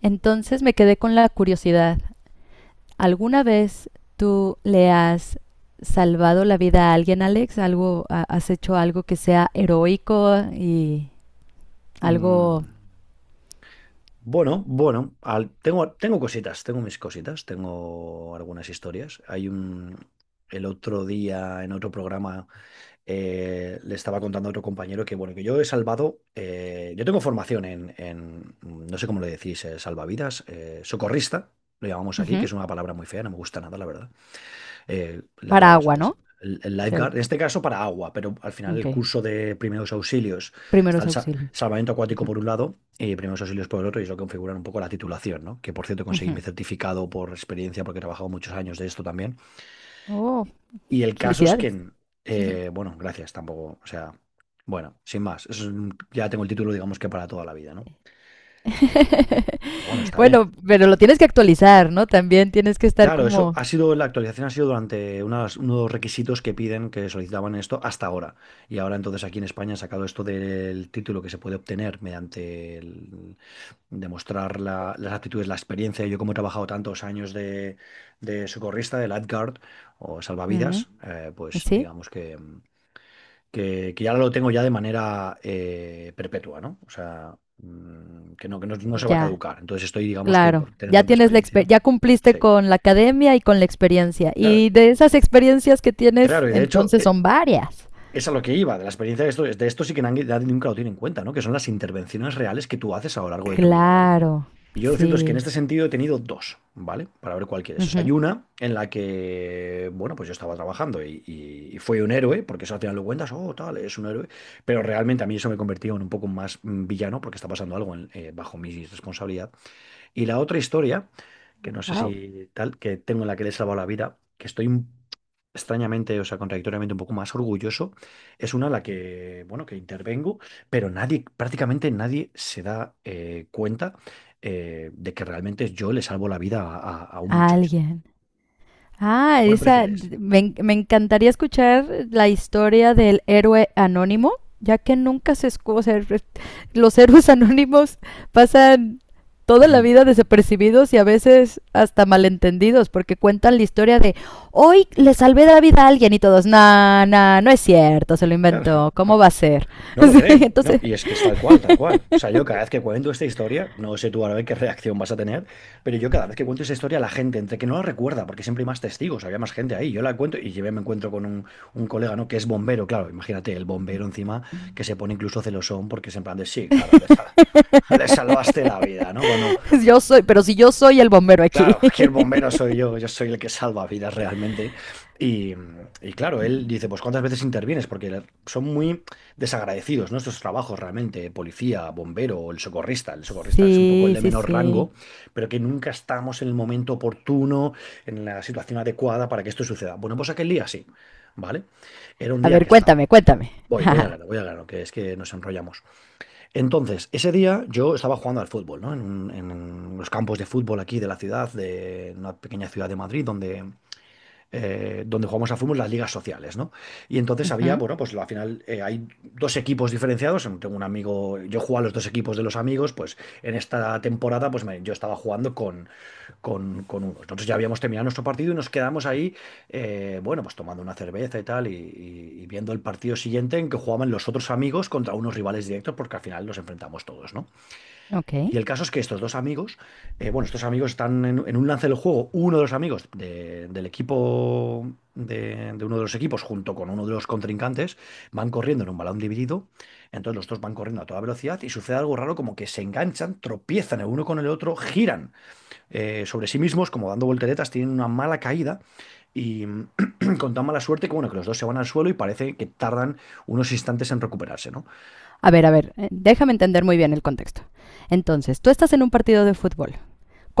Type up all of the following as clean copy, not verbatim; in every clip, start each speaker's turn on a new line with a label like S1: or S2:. S1: Entonces me quedé con la curiosidad. ¿Alguna vez tú le has salvado la vida a alguien, Alex? ¿Algo, ha- has hecho algo que sea heroico y algo?
S2: Mm, bueno, bueno, tengo cositas, tengo mis cositas, tengo algunas historias. El otro día en otro programa le estaba contando a otro compañero que yo he salvado, yo tengo formación en, no sé cómo le decís, salvavidas, socorrista, lo llamamos aquí, que
S1: Ujú.
S2: es una palabra muy fea, no me gusta nada, la verdad. La
S1: ¿Para
S2: palabra
S1: agua,
S2: es
S1: no?
S2: el
S1: O sea,
S2: lifeguard, en este caso para agua, pero al final
S1: ok.
S2: el curso de primeros auxilios: está
S1: Primeros
S2: el
S1: auxilios.
S2: salvamento acuático
S1: Ujú,
S2: por un lado y primeros auxilios por el otro, y eso configuran un poco la titulación, ¿no? Que por cierto conseguí mi
S1: ujú.
S2: certificado por experiencia porque he trabajado muchos años de esto también.
S1: Oh,
S2: Y el caso es
S1: felicidades.
S2: que, bueno, gracias, tampoco, o sea, bueno, sin más, eso es ya tengo el título, digamos que para toda la vida, ¿no? Pero bueno, está bien.
S1: Bueno, pero lo tienes que actualizar, ¿no? También tienes que estar
S2: Claro, eso
S1: como...
S2: ha sido, la actualización ha sido durante unos requisitos que piden, que solicitaban esto hasta ahora. Y ahora entonces aquí en España han sacado esto del título, que se puede obtener mediante demostrar las aptitudes, la experiencia. Yo, como he trabajado tantos años de, socorrista, de lifeguard o
S1: ujú.
S2: salvavidas, pues
S1: ¿Sí?
S2: digamos que ya lo tengo ya de manera perpetua, ¿no? O sea, que no se va a
S1: Ya.
S2: caducar. Entonces estoy, digamos que
S1: Claro,
S2: por tener
S1: ya
S2: tanta
S1: tienes la exper-
S2: experiencia,
S1: ya cumpliste
S2: sí.
S1: con la academia y con la experiencia.
S2: Claro,
S1: Y de esas experiencias que tienes,
S2: claro, y de hecho,
S1: entonces son varias.
S2: es a lo que iba, de la experiencia de esto sí que nadie nunca lo tiene en cuenta, ¿no? Que son las intervenciones reales que tú haces a lo largo de tu vida, ¿vale?
S1: Claro,
S2: Y yo, lo cierto es que en
S1: sí.
S2: este sentido he tenido dos, ¿vale? Para ver cuál quieres. O sea, hay
S1: Ujú.
S2: una en la que, bueno, pues yo estaba trabajando y fue un héroe, porque eso al final lo cuentas, oh, tal, es un héroe, pero realmente a mí eso me convertía en un poco más villano, porque está pasando algo bajo mi responsabilidad. Y la otra historia, que no sé
S1: Wow.
S2: si tal, que tengo, en la que le he salvado la vida, que estoy extrañamente, o sea, contradictoriamente un poco más orgulloso, es una en la que, bueno, que intervengo, pero nadie, prácticamente nadie se da cuenta de que realmente yo le salvo la vida a, a un muchacho.
S1: Alguien. Ah,
S2: ¿Cuál
S1: esa,
S2: prefieres?
S1: me, en- me encantaría escuchar la historia del héroe anónimo, ya que nunca se escucha, los héroes anónimos pasan toda la vida desapercibidos y a veces hasta malentendidos, porque cuentan la historia de hoy le salvé la vida a alguien y todos, nah, nah, no es cierto, se lo
S2: Claro.
S1: inventó, ¿cómo va
S2: Ja.
S1: a ser?
S2: No lo
S1: Sí,
S2: creen, ¿no?
S1: entonces,
S2: Y es que es tal cual, tal cual. O sea, yo cada vez que cuento esta historia, no sé tú ahora qué reacción vas a tener, pero yo cada vez que cuento esta historia, la gente, entre que no la recuerda, porque siempre hay más testigos, había más gente ahí, yo la cuento y yo me encuentro con un colega, ¿no? Que es bombero. Claro, imagínate, el bombero encima, que se pone incluso celosón, porque es en plan de, sí, claro, le salvaste la vida, ¿no?
S1: yo soy, pero si yo soy el bombero aquí.
S2: Claro, aquí el bombero soy yo, yo soy el que salva vidas realmente. Y, y claro, él dice, pues ¿cuántas veces intervienes? Porque son muy desagradecidos, ¿no? Estos trabajos, realmente: policía, bombero o el socorrista. El socorrista es un poco el
S1: Sí,
S2: de
S1: sí,
S2: menor
S1: sí.
S2: rango, pero que nunca estamos en el momento oportuno, en la situación adecuada para que esto suceda. Bueno, pues aquel día sí, ¿vale? Era un
S1: A
S2: día
S1: ver,
S2: que estaba.
S1: cuéntame, cuéntame.
S2: Voy al grano, voy al grano, que es que nos enrollamos. Entonces, ese día yo estaba jugando al fútbol, ¿no? En los campos de fútbol aquí de la ciudad, de una pequeña ciudad de Madrid, donde, donde jugamos a fútbol, las ligas sociales, ¿no? Y entonces había,
S1: Ujú.
S2: bueno, pues al final, hay dos equipos diferenciados. Tengo un amigo, yo jugaba a los dos equipos de los amigos, pues en esta temporada, pues yo estaba jugando con, unos. Nosotros ya habíamos terminado nuestro partido y nos quedamos ahí, bueno, pues tomando una cerveza y tal, y viendo el partido siguiente, en que jugaban los otros amigos contra unos rivales directos, porque al final los enfrentamos todos, ¿no?
S1: Ok.
S2: Y el caso es que estos dos amigos, bueno, estos amigos están en, un lance del juego. Uno de los amigos del equipo, de, uno de los equipos, junto con uno de los contrincantes, van corriendo en un balón dividido. Entonces los dos van corriendo a toda velocidad y sucede algo raro, como que se enganchan, tropiezan el uno con el otro, giran, sobre sí mismos, como dando volteretas, tienen una mala caída y con tan mala suerte que, bueno, que los dos se van al suelo y parece que tardan unos instantes en recuperarse, ¿no?
S1: A ver, déjame entender muy bien el contexto. Entonces, tú estás en un partido de fútbol,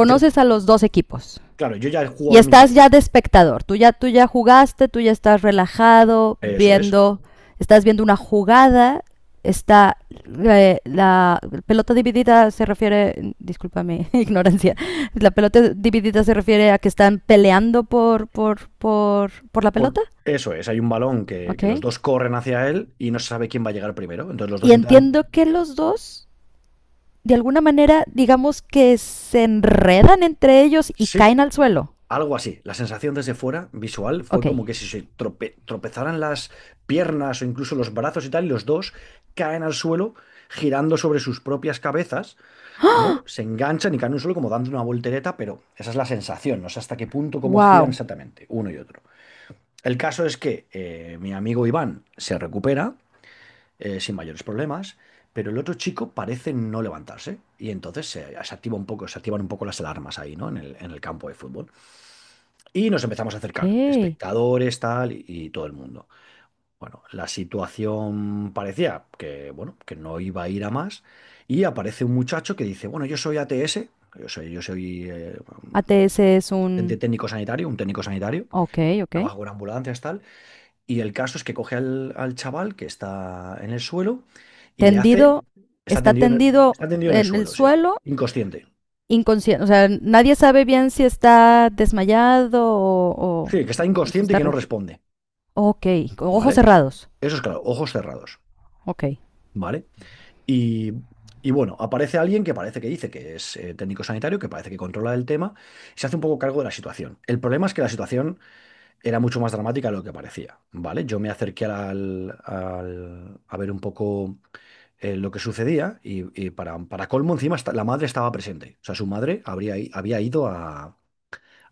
S2: Yo,
S1: a los dos equipos
S2: claro, yo ya he
S1: y
S2: jugado mi
S1: estás
S2: par.
S1: ya de espectador. Tú ya jugaste, tú ya estás relajado,
S2: Eso es.
S1: viendo, estás viendo una jugada, está la pelota dividida se refiere, disculpa mi ignorancia, la pelota dividida se refiere a que están peleando por la pelota,
S2: Eso es, hay un balón que,
S1: ¿ok?
S2: que los dos corren hacia él y no se sabe quién va a llegar primero. Entonces los dos
S1: Y
S2: intentan.
S1: entiendo que los dos de alguna manera, digamos que se enredan entre ellos y
S2: Sí,
S1: caen al suelo.
S2: algo así. La sensación desde fuera, visual, fue
S1: Ok.
S2: como que si se tropezaran las piernas o incluso los brazos y tal, y los dos caen al suelo girando sobre sus propias cabezas, ¿no? Se enganchan y caen en un suelo como dando una voltereta, pero esa es la sensación, no sé hasta qué punto, cómo giran
S1: Wow.
S2: exactamente uno y otro. El caso es que, mi amigo Iván se recupera, sin mayores problemas, pero el otro chico parece no levantarse, y entonces se activa un poco, se activan un poco las alarmas ahí, ¿no? En el campo de fútbol. Y nos empezamos a
S1: Ok.
S2: acercar, espectadores, tal, y todo el mundo. Bueno, la situación parecía que, bueno, que no iba a ir a más, y aparece un muchacho que dice: bueno, yo soy ATS, yo soy
S1: ATS es
S2: asistente
S1: un...
S2: técnico sanitario, un técnico sanitario,
S1: Ok, ok.
S2: trabajo con ambulancias, tal, y el caso es que coge al chaval que está en el suelo y le hace.
S1: Tendido,
S2: Está
S1: está
S2: tendido en el,
S1: tendido en el
S2: suelo, sí.
S1: suelo,
S2: Inconsciente.
S1: inconsciente. O sea, nadie sabe bien si está desmayado
S2: Sí,
S1: o
S2: que está
S1: si
S2: inconsciente y
S1: está...
S2: que no
S1: re-
S2: responde.
S1: Ok, con ojos
S2: ¿Vale?
S1: cerrados.
S2: Eso es, claro, ojos cerrados.
S1: Ok.
S2: ¿Vale? Y, y bueno, aparece alguien que parece que dice que es, técnico sanitario, que parece que controla el tema, y se hace un poco cargo de la situación. El problema es que la situación era mucho más dramática de lo que parecía, ¿vale? Yo me acerqué a ver un poco, lo que sucedía, y para colmo, encima, la madre estaba presente. O sea, su madre había ido a,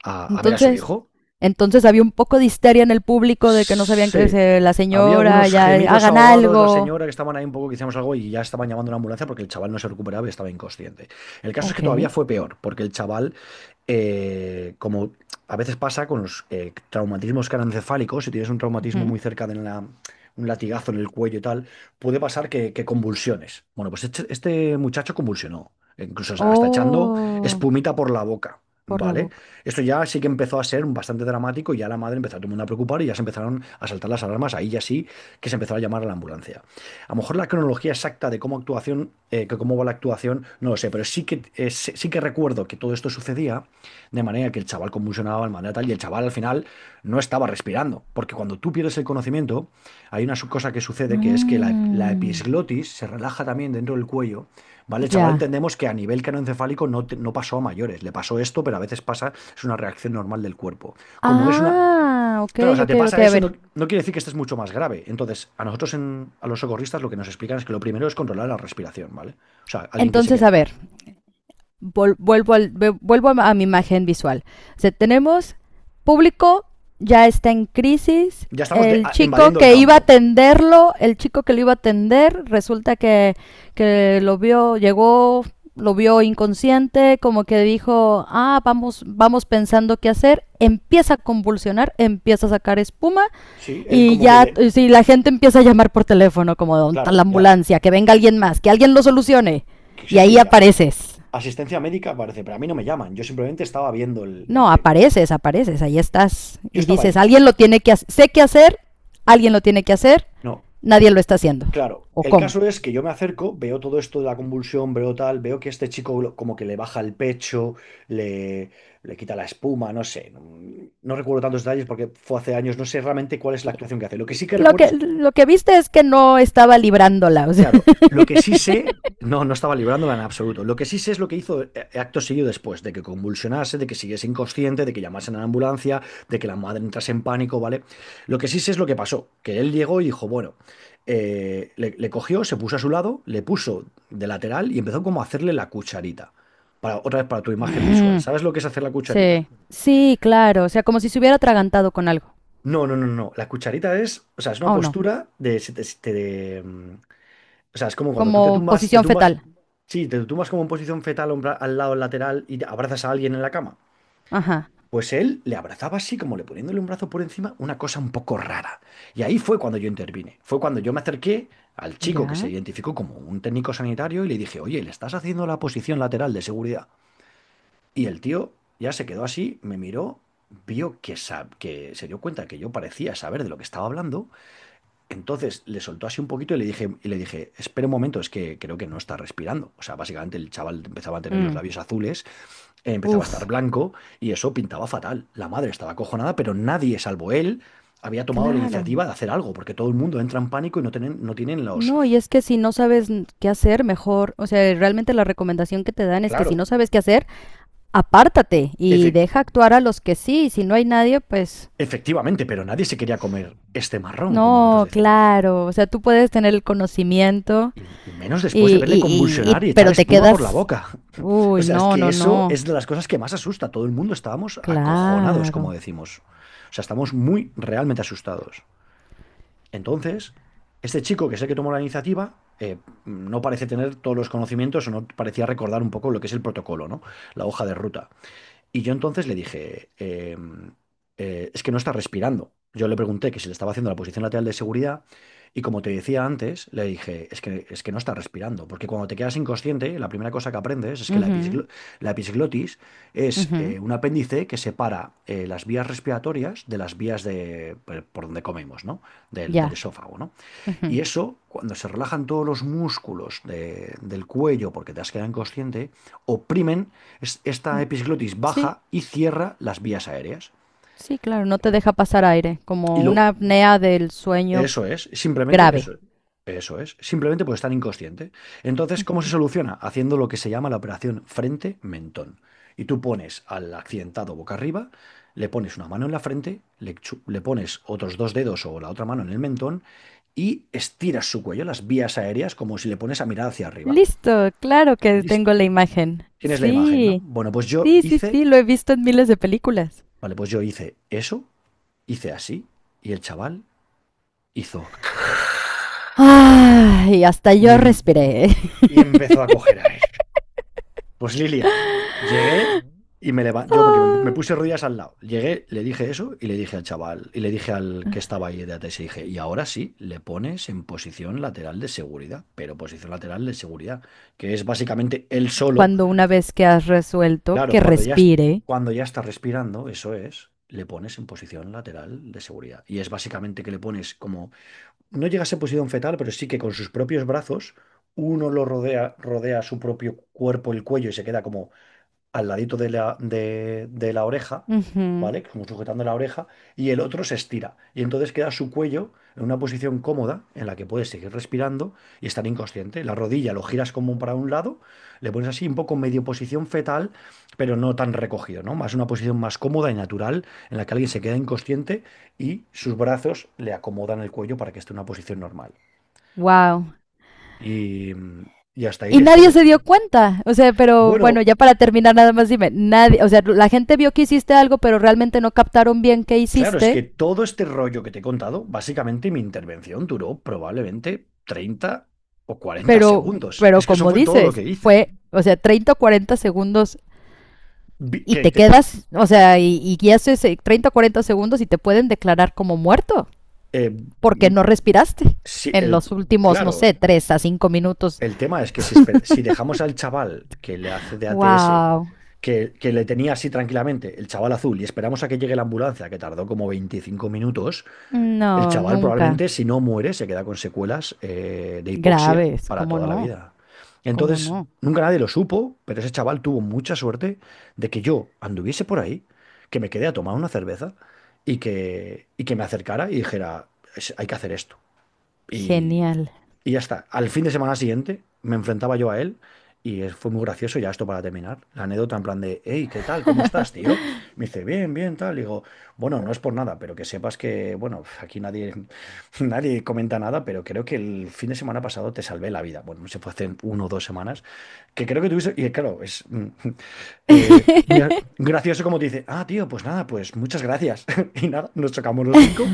S2: a ver a su
S1: Entonces,
S2: hijo.
S1: entonces había un poco de histeria en el público de que no sabían que
S2: Sí.
S1: se- la
S2: Había
S1: señora
S2: algunos
S1: ya
S2: gemidos
S1: hagan
S2: ahogados, la
S1: algo.
S2: señora, que estaban ahí, un poco que hicimos algo, y ya estaban llamando a una ambulancia porque el chaval no se recuperaba y estaba inconsciente. El caso es que
S1: Ok.
S2: todavía fue peor, porque el chaval, como a veces pasa con los, traumatismos craneoencefálicos, si tienes un traumatismo
S1: Ujú.
S2: muy cerca de un latigazo en el cuello y tal, puede pasar que convulsiones. Bueno, pues este muchacho convulsionó, incluso hasta echando
S1: Oh,
S2: espumita por la boca,
S1: por la
S2: ¿vale?
S1: boca.
S2: Esto ya sí que empezó a ser bastante dramático, y ya la madre empezó a todo el mundo a preocupar, y ya se empezaron a saltar las alarmas. Ahí ya sí que se empezó a llamar a la ambulancia. A lo mejor la cronología exacta de cómo actuación, que cómo va la actuación, no lo sé, pero sí que recuerdo que todo esto sucedía de manera que el chaval convulsionaba de manera tal, y el chaval al final no estaba respirando. Porque cuando tú pierdes el conocimiento, hay una cosa que sucede, que es que la
S1: Mm,
S2: episglotis se relaja también dentro del cuello. ¿Vale? El chaval,
S1: ya.
S2: entendemos que a nivel canoencefálico no, no pasó a mayores. Le pasó esto, pero a veces pasa, es una reacción normal del cuerpo. Como es una.
S1: Ah, ok,
S2: Claro, o sea,
S1: ok,
S2: te
S1: ok.
S2: pasa
S1: A
S2: eso, no,
S1: ver.
S2: no quiere decir que esto es mucho más grave. Entonces, a nosotros, a los socorristas, lo que nos explican es que lo primero es controlar la respiración, ¿vale? O sea, alguien que se
S1: Entonces,
S2: quede.
S1: a ver. Vol- vuelvo, al- vuelvo a mi imagen visual. O sea, tenemos público, ya está en crisis,
S2: Ya estamos
S1: el chico
S2: invadiendo el
S1: que iba a
S2: campo.
S1: atenderlo, el chico que lo iba a atender, resulta que lo vio, llegó, lo vio inconsciente, como que dijo, ah, vamos, vamos pensando qué hacer, empieza a convulsionar, empieza a sacar espuma,
S2: Sí, él
S1: y
S2: como que
S1: ya,
S2: le.
S1: si la gente empieza a llamar por teléfono, como "¿Dónde la
S2: Claro, ya.
S1: ambulancia, que venga alguien más, que alguien lo solucione?"
S2: Sí,
S1: Y
S2: sí,
S1: ahí
S2: ya.
S1: apareces.
S2: Asistencia médica, parece, pero a mí no me llaman. Yo simplemente estaba viendo el
S1: No,
S2: tema.
S1: apareces, apareces, ahí estás.
S2: Yo
S1: Y
S2: estaba
S1: dices,
S2: ahí ya.
S1: alguien lo tiene que hacer, sé qué hacer, alguien lo tiene que hacer,
S2: No.
S1: nadie lo está haciendo.
S2: Claro,
S1: ¿O
S2: el
S1: cómo?
S2: caso es que yo me acerco, veo todo esto de la convulsión, veo tal, veo que este chico como que le baja el pecho, le, le quita la espuma, no sé, no recuerdo tantos detalles porque fue hace años, no sé realmente cuál es la
S1: Sí.
S2: actuación que hace. Lo que sí que recuerdo es...
S1: Lo que viste es que no estaba librándola. O sea.
S2: Claro, lo que sí sé, no, no estaba librándola en absoluto. Lo que sí sé es lo que hizo acto seguido después, de que convulsionase, de que siguiese inconsciente, de que llamasen a la ambulancia, de que la madre entrase en pánico, ¿vale? Lo que sí sé es lo que pasó, que él llegó y dijo, bueno, le cogió, se puso a su lado, le puso de lateral y empezó como a hacerle la cucharita. Para, otra vez para tu imagen visual. ¿Sabes lo que es hacer la cucharita?
S1: Sí, sí, claro. O sea, como si se hubiera atragantado con algo.
S2: No, no, no, no. La cucharita es, o sea, es una
S1: Oh, no.
S2: postura de. O sea, es como cuando tú
S1: Como
S2: te
S1: posición fetal.
S2: tumbas, sí, te tumbas como en posición fetal al lado lateral y te abrazas a alguien en la cama.
S1: Ajá.
S2: Pues él le abrazaba así, como le poniéndole un brazo por encima, una cosa un poco rara. Y ahí fue cuando yo intervine. Fue cuando yo me acerqué al chico que se
S1: ¿Ya?
S2: identificó como un técnico sanitario y le dije, oye, le estás haciendo la posición lateral de seguridad. Y el tío ya se quedó así, me miró, vio que, que se dio cuenta que yo parecía saber de lo que estaba hablando, entonces le soltó así un poquito y le dije, espera un momento, es que creo que no está respirando. O sea, básicamente el chaval empezaba a tener los
S1: Mm.
S2: labios azules, empezaba a estar
S1: Uf,
S2: blanco y eso pintaba fatal. La madre estaba acojonada, pero nadie, salvo él, había tomado la
S1: claro.
S2: iniciativa de hacer algo, porque todo el mundo entra en pánico y no tienen, no tienen los...
S1: No, y es que si no sabes qué hacer, mejor, o sea, realmente la recomendación que te dan es que si
S2: Claro,
S1: no sabes qué hacer, apártate y
S2: efe-
S1: deja actuar a los que sí, si no hay nadie, pues
S2: efectivamente, pero nadie se quería comer este marrón, como nosotros
S1: no,
S2: decimos.
S1: claro, o sea, tú puedes tener el conocimiento
S2: Y menos después de
S1: y,
S2: verle
S1: y, y, y-
S2: convulsionar y echar
S1: pero te
S2: espuma por la
S1: quedas,
S2: boca. O
S1: uy,
S2: sea, es
S1: no,
S2: que
S1: no,
S2: eso es
S1: no,
S2: de las cosas que más asusta. Todo el mundo estábamos acojonados, como
S1: claro.
S2: decimos. O sea, estamos muy realmente asustados. Entonces, este chico que es el que tomó la iniciativa, no parece tener todos los conocimientos o no parecía recordar un poco lo que es el protocolo, ¿no? La hoja de ruta. Y yo entonces le dije, es que no está respirando. Yo le pregunté que si le estaba haciendo la posición lateral de seguridad y, como te decía antes, le dije, es que no está respirando, porque cuando te quedas inconsciente, la primera cosa que aprendes es que la,
S1: Ujú,
S2: episglo- La episglotis es
S1: ujú,
S2: un apéndice que separa las vías respiratorias de las vías de, por donde comemos, ¿no? Del, del
S1: ya,
S2: esófago, ¿no?
S1: ujú.
S2: Y eso, cuando se relajan todos los músculos del cuello porque te has quedado inconsciente, oprimen, esta
S1: Mm,
S2: episglotis
S1: sí,
S2: baja y cierra las vías aéreas.
S1: sí, claro, no te deja pasar aire,
S2: Y
S1: como una
S2: lo
S1: apnea del sueño
S2: Eso es, simplemente
S1: grave.
S2: eso, eso es, simplemente por estar inconsciente. Entonces, ¿cómo se soluciona? Haciendo lo que se llama la operación frente-mentón. Y tú pones al accidentado boca arriba, le pones una mano en la frente, le pones otros dos dedos o la otra mano en el mentón y estiras su cuello, las vías aéreas, como si le pones a mirar hacia arriba.
S1: Listo, claro que
S2: Listo.
S1: tengo la imagen.
S2: Tienes la imagen, ¿no?
S1: Sí,
S2: Bueno,
S1: sí, sí, sí, lo he visto en miles de películas.
S2: vale, pues yo hice eso, hice así, y el chaval hizo...
S1: Ay, hasta
S2: Y,
S1: yo respiré.
S2: y empezó a coger aire. Pues Lilia, llegué y me levanté, yo me, que me- me
S1: Ah,
S2: puse rodillas al lado. Llegué, le dije eso y le dije al chaval, y le dije al que estaba ahí de ATS, y dije, y ahora sí, le pones en posición lateral de seguridad, pero posición lateral de seguridad, que es básicamente él solo.
S1: cuando una vez que has resuelto
S2: Claro,
S1: que respire.
S2: cuando ya está respirando, eso es, le pones en posición lateral de seguridad. Y es básicamente que le pones como, no llega a ser posición fetal, pero sí que con sus propios brazos, uno lo rodea, rodea su propio cuerpo, el cuello, y se queda como al ladito de de la oreja,
S1: Ujú.
S2: ¿vale? Como sujetando la oreja, y el otro se estira. Y entonces queda su cuello en una posición cómoda en la que puedes seguir respirando y estar inconsciente. La rodilla lo giras como para un lado, le pones así un poco medio posición fetal, pero no tan recogido, ¿no? Más una posición más cómoda y natural en la que alguien se queda inconsciente y sus brazos le acomodan el cuello para que esté en una posición normal.
S1: Wow.
S2: Y, y hasta ahí
S1: Y
S2: la
S1: nadie
S2: historia,
S1: se
S2: yo.
S1: dio cuenta. O sea, pero bueno,
S2: Bueno,
S1: ya para terminar, nada más dime. Nadie, o sea, la gente vio que hiciste algo, pero realmente no captaron bien qué
S2: claro, es
S1: hiciste.
S2: que todo este rollo que te he contado, básicamente mi intervención duró probablemente treinta o cuarenta
S1: Pero,
S2: segundos.
S1: pero
S2: Es que eso
S1: como
S2: fue todo lo que
S1: dices,
S2: hice.
S1: fue, o sea, 30 o 40 segundos
S2: Vi-
S1: y
S2: Que
S1: te
S2: te-
S1: quedas, o sea, y haces 30 o 40 segundos y te pueden declarar como muerto.
S2: eh,
S1: Porque
S2: mm,
S1: no respiraste
S2: si
S1: en
S2: el,
S1: los últimos, no
S2: claro,
S1: sé, 3 a 5 minutos.
S2: el tema es que si dejamos al chaval que le hace de ATS,
S1: ¡Wow!
S2: que le tenía así tranquilamente, el chaval azul, y esperamos a que llegue la ambulancia, que tardó como 25 minutos. El
S1: No,
S2: chaval
S1: nunca.
S2: probablemente, si no muere, se queda con secuelas de hipoxia
S1: Graves,
S2: para
S1: ¿cómo
S2: toda la
S1: no?
S2: vida.
S1: ¿Cómo
S2: Entonces,
S1: no?
S2: nunca nadie lo supo, pero ese chaval tuvo mucha suerte de que yo anduviese por ahí, que me quedé a tomar una cerveza y que me acercara y dijera, "Es- hay que hacer esto". Y,
S1: Genial.
S2: y ya está. Al fin de semana siguiente me enfrentaba yo a él y fue muy gracioso ya esto para terminar. La anécdota en plan de, hey, ¿qué tal? ¿Cómo estás, tío? Me dice, bien, bien, tal. Y digo, bueno, no es por nada, pero que sepas que, bueno, aquí nadie, nadie comenta nada, pero creo que el fin de semana pasado te salvé la vida. Bueno, se fue hace 1 o 2 semanas, que creo que tuviste, y claro, es gracioso como te dice, ah, tío, pues nada, pues muchas gracias. Y nada, nos chocamos los cinco,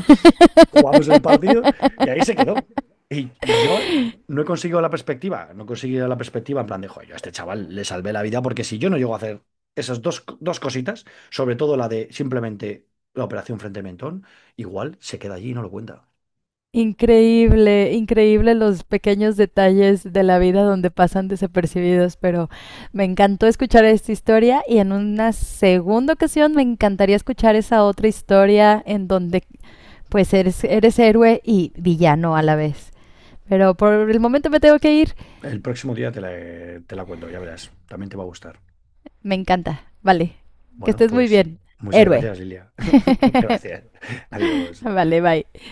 S2: jugamos el partido y ahí se quedó. Y yo no he conseguido la perspectiva, no he conseguido la perspectiva en plan de, joder, yo a este chaval le salvé la vida porque si yo no llego a hacer esas dos cositas, sobre todo la de simplemente la operación frente al mentón, igual se queda allí y no lo cuenta.
S1: Increíble, increíble los pequeños detalles de la vida donde pasan desapercibidos, pero me encantó escuchar esta historia y en una segunda ocasión me encantaría escuchar esa otra historia en donde pues eres, eres héroe y villano a la vez. Pero por el momento me tengo que ir.
S2: El próximo día te la cuento, ya verás, también te va a gustar.
S1: Me encanta. Vale. Que
S2: Bueno,
S1: estés muy
S2: pues
S1: bien.
S2: muchas
S1: Héroe.
S2: gracias, Lilia. Gracias. Adiós.
S1: Vale, bye.